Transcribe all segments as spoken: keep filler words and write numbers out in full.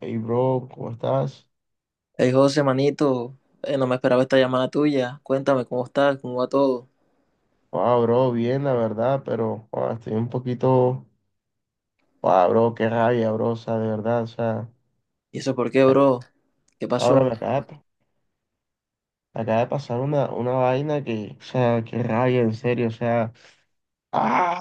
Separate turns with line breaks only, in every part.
Hey bro, ¿cómo estás?
Hey José, manito, eh, no me esperaba esta llamada tuya. Cuéntame cómo estás, cómo va todo.
Ah, bro, bien, la verdad, pero ah, estoy un poquito. Ah, bro, qué rabia, bro, o sea, de verdad, o sea,
¿Y eso por qué, bro? ¿Qué
ahora
pasó?
me acaba de, me acaba de pasar una, una vaina que, o sea, qué rabia, en serio, o sea, ah,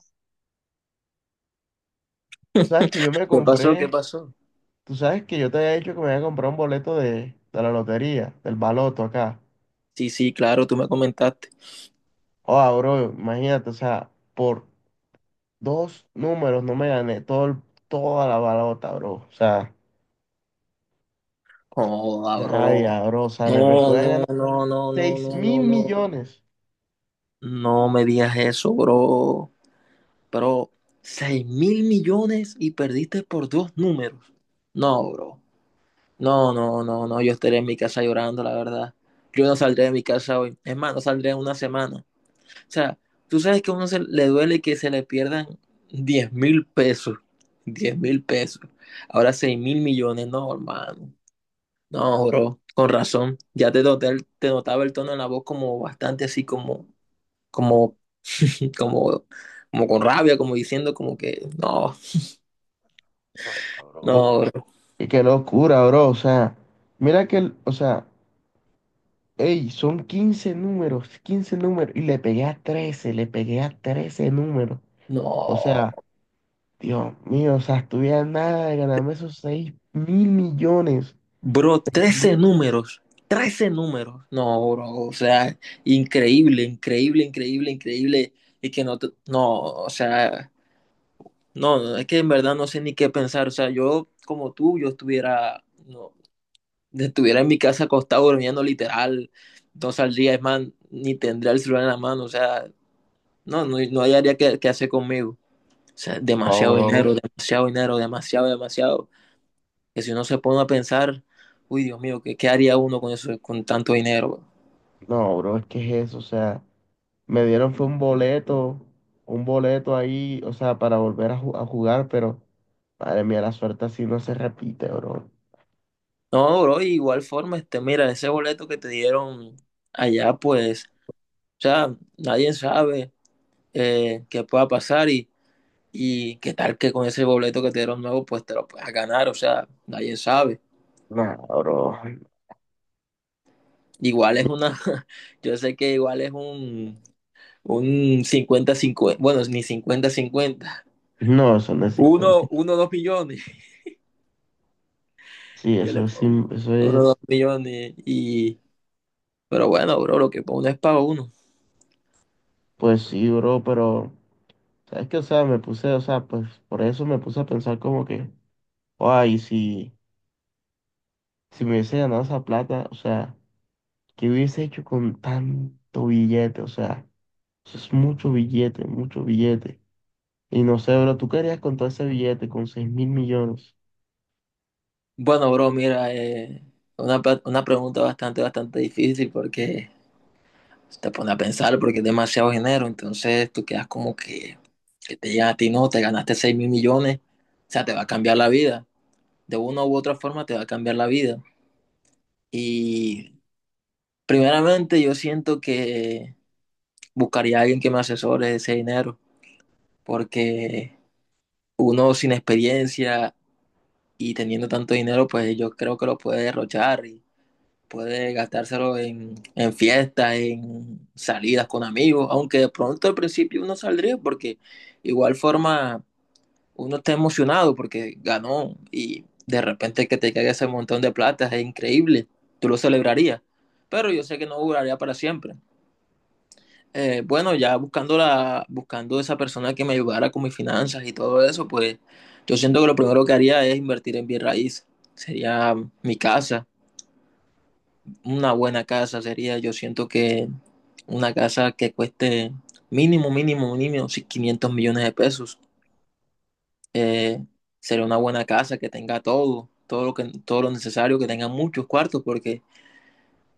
sabes que yo me
¿Qué pasó? ¿Qué
compré,
pasó?
tú sabes que yo te había dicho que me había comprado un boleto de, de la lotería, del baloto acá.
Sí, sí, claro, tú me comentaste.
Ah, bro, imagínate, o sea, por dos números no me gané todo, el- toda la balota, bro, o sea.
Joda,
Qué
bro.
rabia, bro. O sea, me, me
No,
puede
no,
ganar
no, no, no,
seis
no,
mil
no, no.
millones.
No me digas eso, bro. Pero, seis mil millones y perdiste por dos números. No, bro. No, no, no, no. Yo estaré en mi casa llorando, la verdad. Yo no saldré de mi casa hoy. Es más, no saldré en una semana. O sea, tú sabes que a uno se le duele que se le pierdan diez mil pesos. Diez mil pesos. Ahora seis mil millones. No, hermano. No, bro. Con razón. Ya te noté el- te notaba el tono en la voz como bastante así como, como, como, como con rabia, como diciendo como que no,
No,
no,
bro.
bro.
Y qué locura, bro. O sea, mira que, el- o sea, ey, son quince números, quince números. Y le pegué a trece, le pegué a trece números. O
No.
sea, Dios mío, o sea, estuviera a nada de ganarme esos seis mil millones.
Bro,
¿Seis
trece
mil?
números. Trece números. No, bro. O sea, increíble, increíble, increíble, increíble. Y que no, te- no, o sea. No, es que en verdad no sé ni qué pensar. O sea, yo como tú, yo estuviera, no, estuviera en mi casa acostado durmiendo literal no saldría, es más, ni tendría el celular en la mano. O sea, no, no, no hallaría qué, qué hacer conmigo. O sea,
No,
demasiado dinero,
bro.
demasiado dinero, demasiado, demasiado. Que si uno se pone a pensar, uy, Dios mío, ¿qué, qué haría uno con eso, con tanto dinero, bro?
No, bro, es que es eso. O sea, me dieron fue un boleto, un boleto ahí, o sea, para volver a, ju- a jugar, pero madre mía, la suerte así no se repite, bro.
No, bro, y igual forma, este, mira, ese boleto que te dieron allá, pues, o sea, nadie sabe eh, qué pueda pasar. y Y qué tal que con ese boleto que te dieron nuevo, pues te lo puedas ganar, o sea, nadie sabe.
No, bro.
Igual es una, yo sé que igual es un, un cincuenta 50, bueno, ni cincuenta cincuenta.
No, eso no es no,
Uno,
sí,
uno, dos millones,
sí,
yo le
eso es,
pongo.
sim- eso
Uno, dos
es,
millones y... Pero bueno, bro, lo que uno es para uno.
pues sí, bro, pero, ¿sabes qué? O sea, me puse, o sea, pues por eso me puse a pensar como que, ay, si, si me hubiese ganado esa plata, o sea, ¿qué hubiese hecho con tanto billete? O sea, eso es mucho billete, mucho billete. Y no sé, bro, ¿tú qué harías con todo ese billete, con seis mil millones?
Bueno, bro, mira, eh, una, pa- una pregunta bastante, bastante difícil porque te pone a pensar porque es demasiado dinero, entonces tú quedas como que, que te digan a ti, no, te ganaste seis mil millones, o sea, te va a cambiar la vida. De una u otra forma te va a cambiar la vida. Y primeramente yo siento que buscaría a alguien que me asesore ese dinero, porque uno sin experiencia y teniendo tanto dinero, pues yo creo que lo puede derrochar y puede gastárselo en, en fiestas, en salidas con amigos, aunque de pronto al principio uno saldría, porque igual forma uno está emocionado porque ganó y de repente que te caiga ese montón de plata es increíble, tú lo celebrarías, pero yo sé que no duraría para siempre. Eh, bueno, ya buscando, la, buscando esa persona que me ayudara con mis finanzas y todo eso, pues yo siento que lo primero que haría es invertir en bien raíz. Sería mi casa, una buena casa sería, yo siento que una casa que cueste mínimo, mínimo, mínimo sí, quinientos millones de pesos. eh, sería una buena casa que tenga todo, todo lo que, todo lo necesario, que tenga muchos cuartos, porque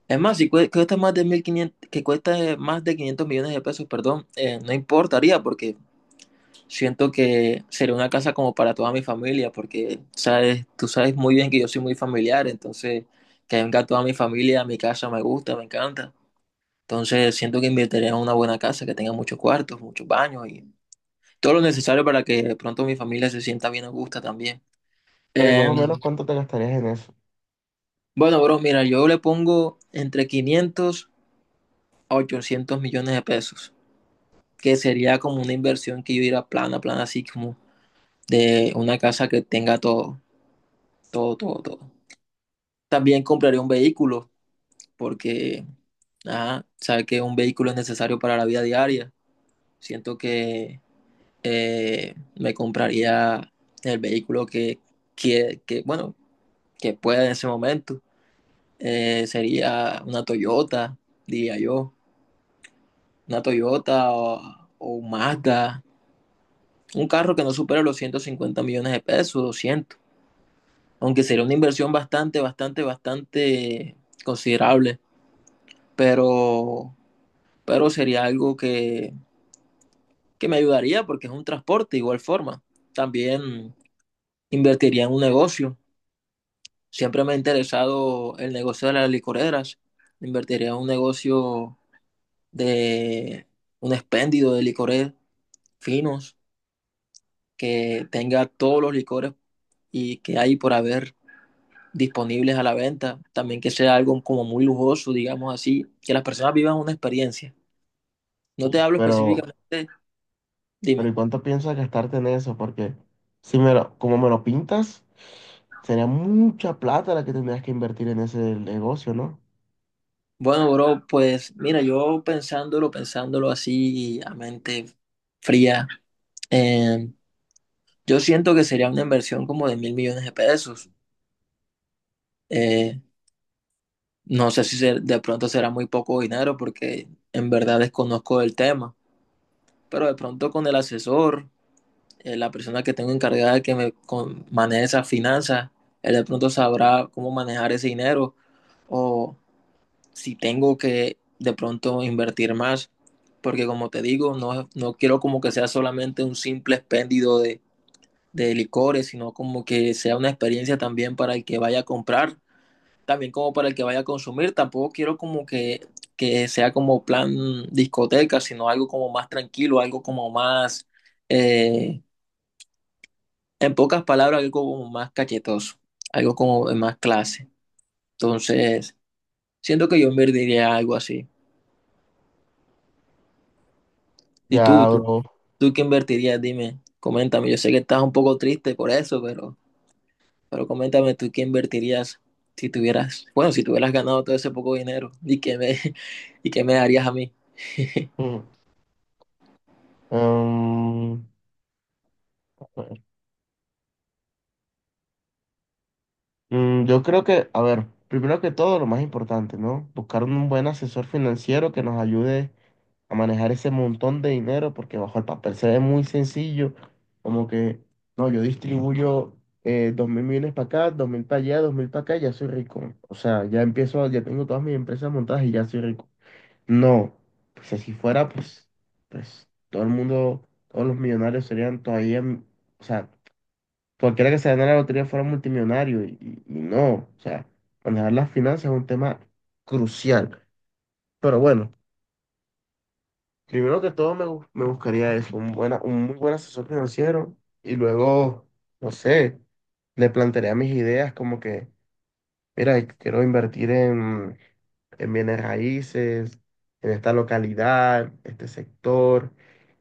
es más, si cue- cuesta más de mil quinientos, que cuesta más de quinientos millones de pesos, perdón, eh, no importaría, porque siento que sería una casa como para toda mi familia, porque sabes, tú sabes muy bien que yo soy muy familiar, entonces que venga toda mi familia a mi casa me gusta, me encanta. Entonces siento que invertiría en una buena casa que tenga muchos cuartos, muchos baños y todo lo necesario para que de pronto mi familia se sienta bien a gusto también.
Pero ¿y más
Eh,
o menos cuánto te gastarías en eso?
Bueno, bro, mira, yo le pongo entre quinientos a ochocientos millones de pesos, que sería como una inversión que yo diría plana, plana, así como de una casa que tenga todo, todo, todo, todo. También compraría un vehículo, porque, ajá, sabe que un vehículo es necesario para la vida diaria. Siento que eh, me compraría el vehículo que, que, que, bueno, que pueda en ese momento. Eh, sería una Toyota, diría yo una Toyota o, o un Mazda, un carro que no supera los ciento cincuenta millones de pesos, doscientos, aunque sería una inversión bastante, bastante, bastante considerable, pero, pero sería algo que, que me ayudaría porque es un transporte de igual forma. También invertiría en un negocio. Siempre me ha interesado el negocio de las licoreras. Invertiría en un negocio de un expendio de licores finos que tenga todos los licores y que hay por haber disponibles a la venta, también que sea algo como muy lujoso, digamos así, que las personas vivan una experiencia. No te hablo
Pero,
específicamente,
pero
dime.
¿y cuánto piensas gastarte en eso? Porque si me lo, como me lo pintas, sería mucha plata la que tendrías que invertir en ese negocio, ¿no?
Bueno, bro, pues mira, yo pensándolo, pensándolo así a mente fría, eh, yo siento que sería una inversión como de mil millones de pesos. Eh, no sé si se- de pronto será muy poco dinero porque en verdad desconozco el tema, pero de pronto con el asesor eh, la persona que tengo encargada de que me con- maneje esas finanzas, él de pronto sabrá cómo manejar ese dinero o si tengo que de pronto invertir más, porque como te digo, no, no quiero como que sea solamente un simple expendio de, de licores, sino como que sea una experiencia también para el que vaya a comprar, también como para el que vaya a consumir, tampoco quiero como que, que sea como plan discoteca, sino algo como más tranquilo, algo como más... eh, en pocas palabras, algo como más cachetoso, algo como de más clase. Entonces, siento que yo invertiría algo así. ¿Y tú,
Ya,
tú,
bro.
tú qué invertirías? Dime, coméntame. Yo sé que estás un poco triste por eso, pero, pero coméntame tú qué invertirías si tuvieras, bueno, si tuvieras ganado todo ese poco dinero y qué me, y qué me darías a mí.
Mm. Em, a ver. Mm, yo creo que, a ver, primero que todo, lo más importante, ¿no? Buscar un buen asesor financiero que nos ayude a manejar ese montón de dinero, porque bajo el papel se ve muy sencillo, como que, no, yo distribuyo eh, dos mil millones para acá, dos mil para allá, dos mil para acá, y ya soy rico. O sea, ya empiezo, ya tengo todas mis empresas montadas y ya soy rico. No, pues si así fuera, pues, pues todo el mundo, todos los millonarios serían todavía, m- o sea, cualquiera que se ganara la lotería fuera multimillonario y, y- y no, o sea, manejar las finanzas es un tema crucial. Pero bueno, primero que todo me, bu- me buscaría eso, un, buena, un muy buen asesor financiero y luego, no sé, le plantearía mis ideas como que, mira, quiero invertir en, en bienes raíces, en esta localidad, este sector.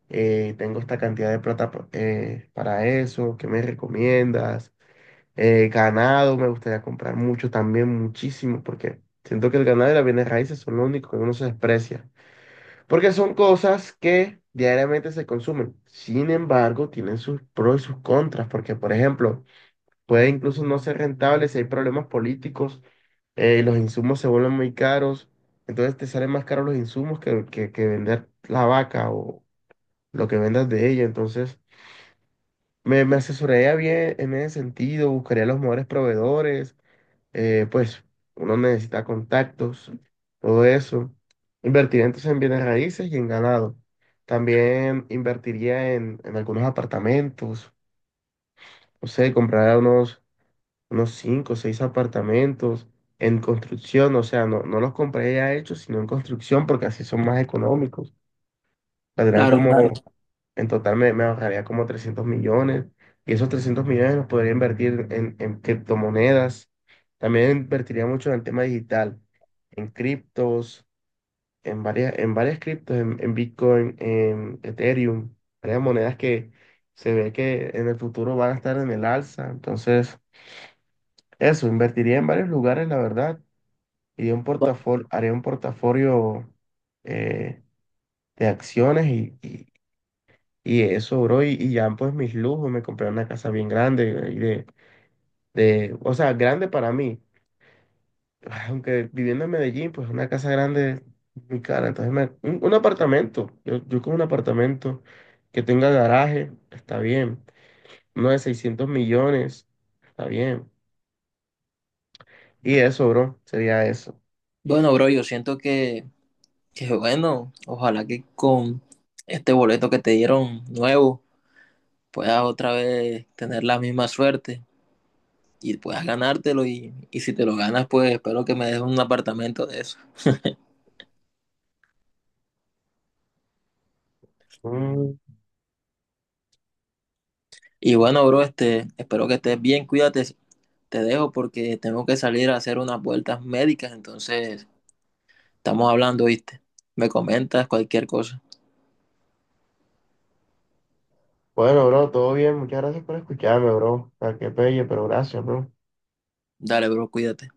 eh, Tengo esta cantidad de plata pa- eh, para eso, ¿qué me recomiendas? Eh, ganado, me gustaría comprar mucho también, muchísimo, porque siento que el ganado y las bienes raíces son lo único que uno se desprecia, porque son cosas que diariamente se consumen. Sin embargo, tienen sus pros y sus contras, porque, por ejemplo, puede incluso no ser rentable si hay problemas políticos, eh, los insumos se vuelven muy caros, entonces te salen más caros los insumos que, que, que vender la vaca o lo que vendas de ella, entonces... Me, me asesoraría bien en ese sentido, buscaría los mejores proveedores, eh, pues uno necesita contactos, todo eso. Invertiría entonces en bienes raíces y en ganado. También invertiría en, en algunos apartamentos, no sé, compraría unos, unos cinco o seis apartamentos en construcción, o sea, no, no los compraría ya hechos, sino en construcción porque así son más económicos, saldrán
Claro, claro.
como, en total me, me ahorraría como trescientos millones y esos trescientos millones los podría invertir en, en criptomonedas. También invertiría mucho en el tema digital, en criptos, en varias, en varias criptos, en, en Bitcoin, en Ethereum, varias monedas que se ve que en el futuro van a estar en el alza. Entonces, eso, invertiría en varios lugares, la verdad, y un portafolio, haría un portafolio eh, de acciones. Y, y Y eso, bro, y, y ya pues mis lujos, me compré una casa bien grande, y de, de, o sea, grande para mí. Aunque viviendo en Medellín, pues una casa grande es muy cara. Entonces, me- un, un apartamento, yo, yo con un apartamento que tenga garaje, está bien. Uno de seiscientos millones, está bien. Y eso, bro, sería eso.
Bueno, bro, yo siento que, que bueno, ojalá que con este boleto que te dieron nuevo puedas otra vez tener la misma suerte y puedas ganártelo y, y si te lo ganas, pues espero que me des un apartamento de eso.
Mm,
Y bueno, bro, este, espero que estés bien, cuídate, te dejo porque tengo que salir a hacer unas vueltas médicas, entonces estamos hablando, ¿viste? Me comentas cualquier cosa.
bueno, bro, todo bien, muchas gracias por escucharme, bro. O que qué pelle, pero gracias, bro.
Dale, bro, cuídate.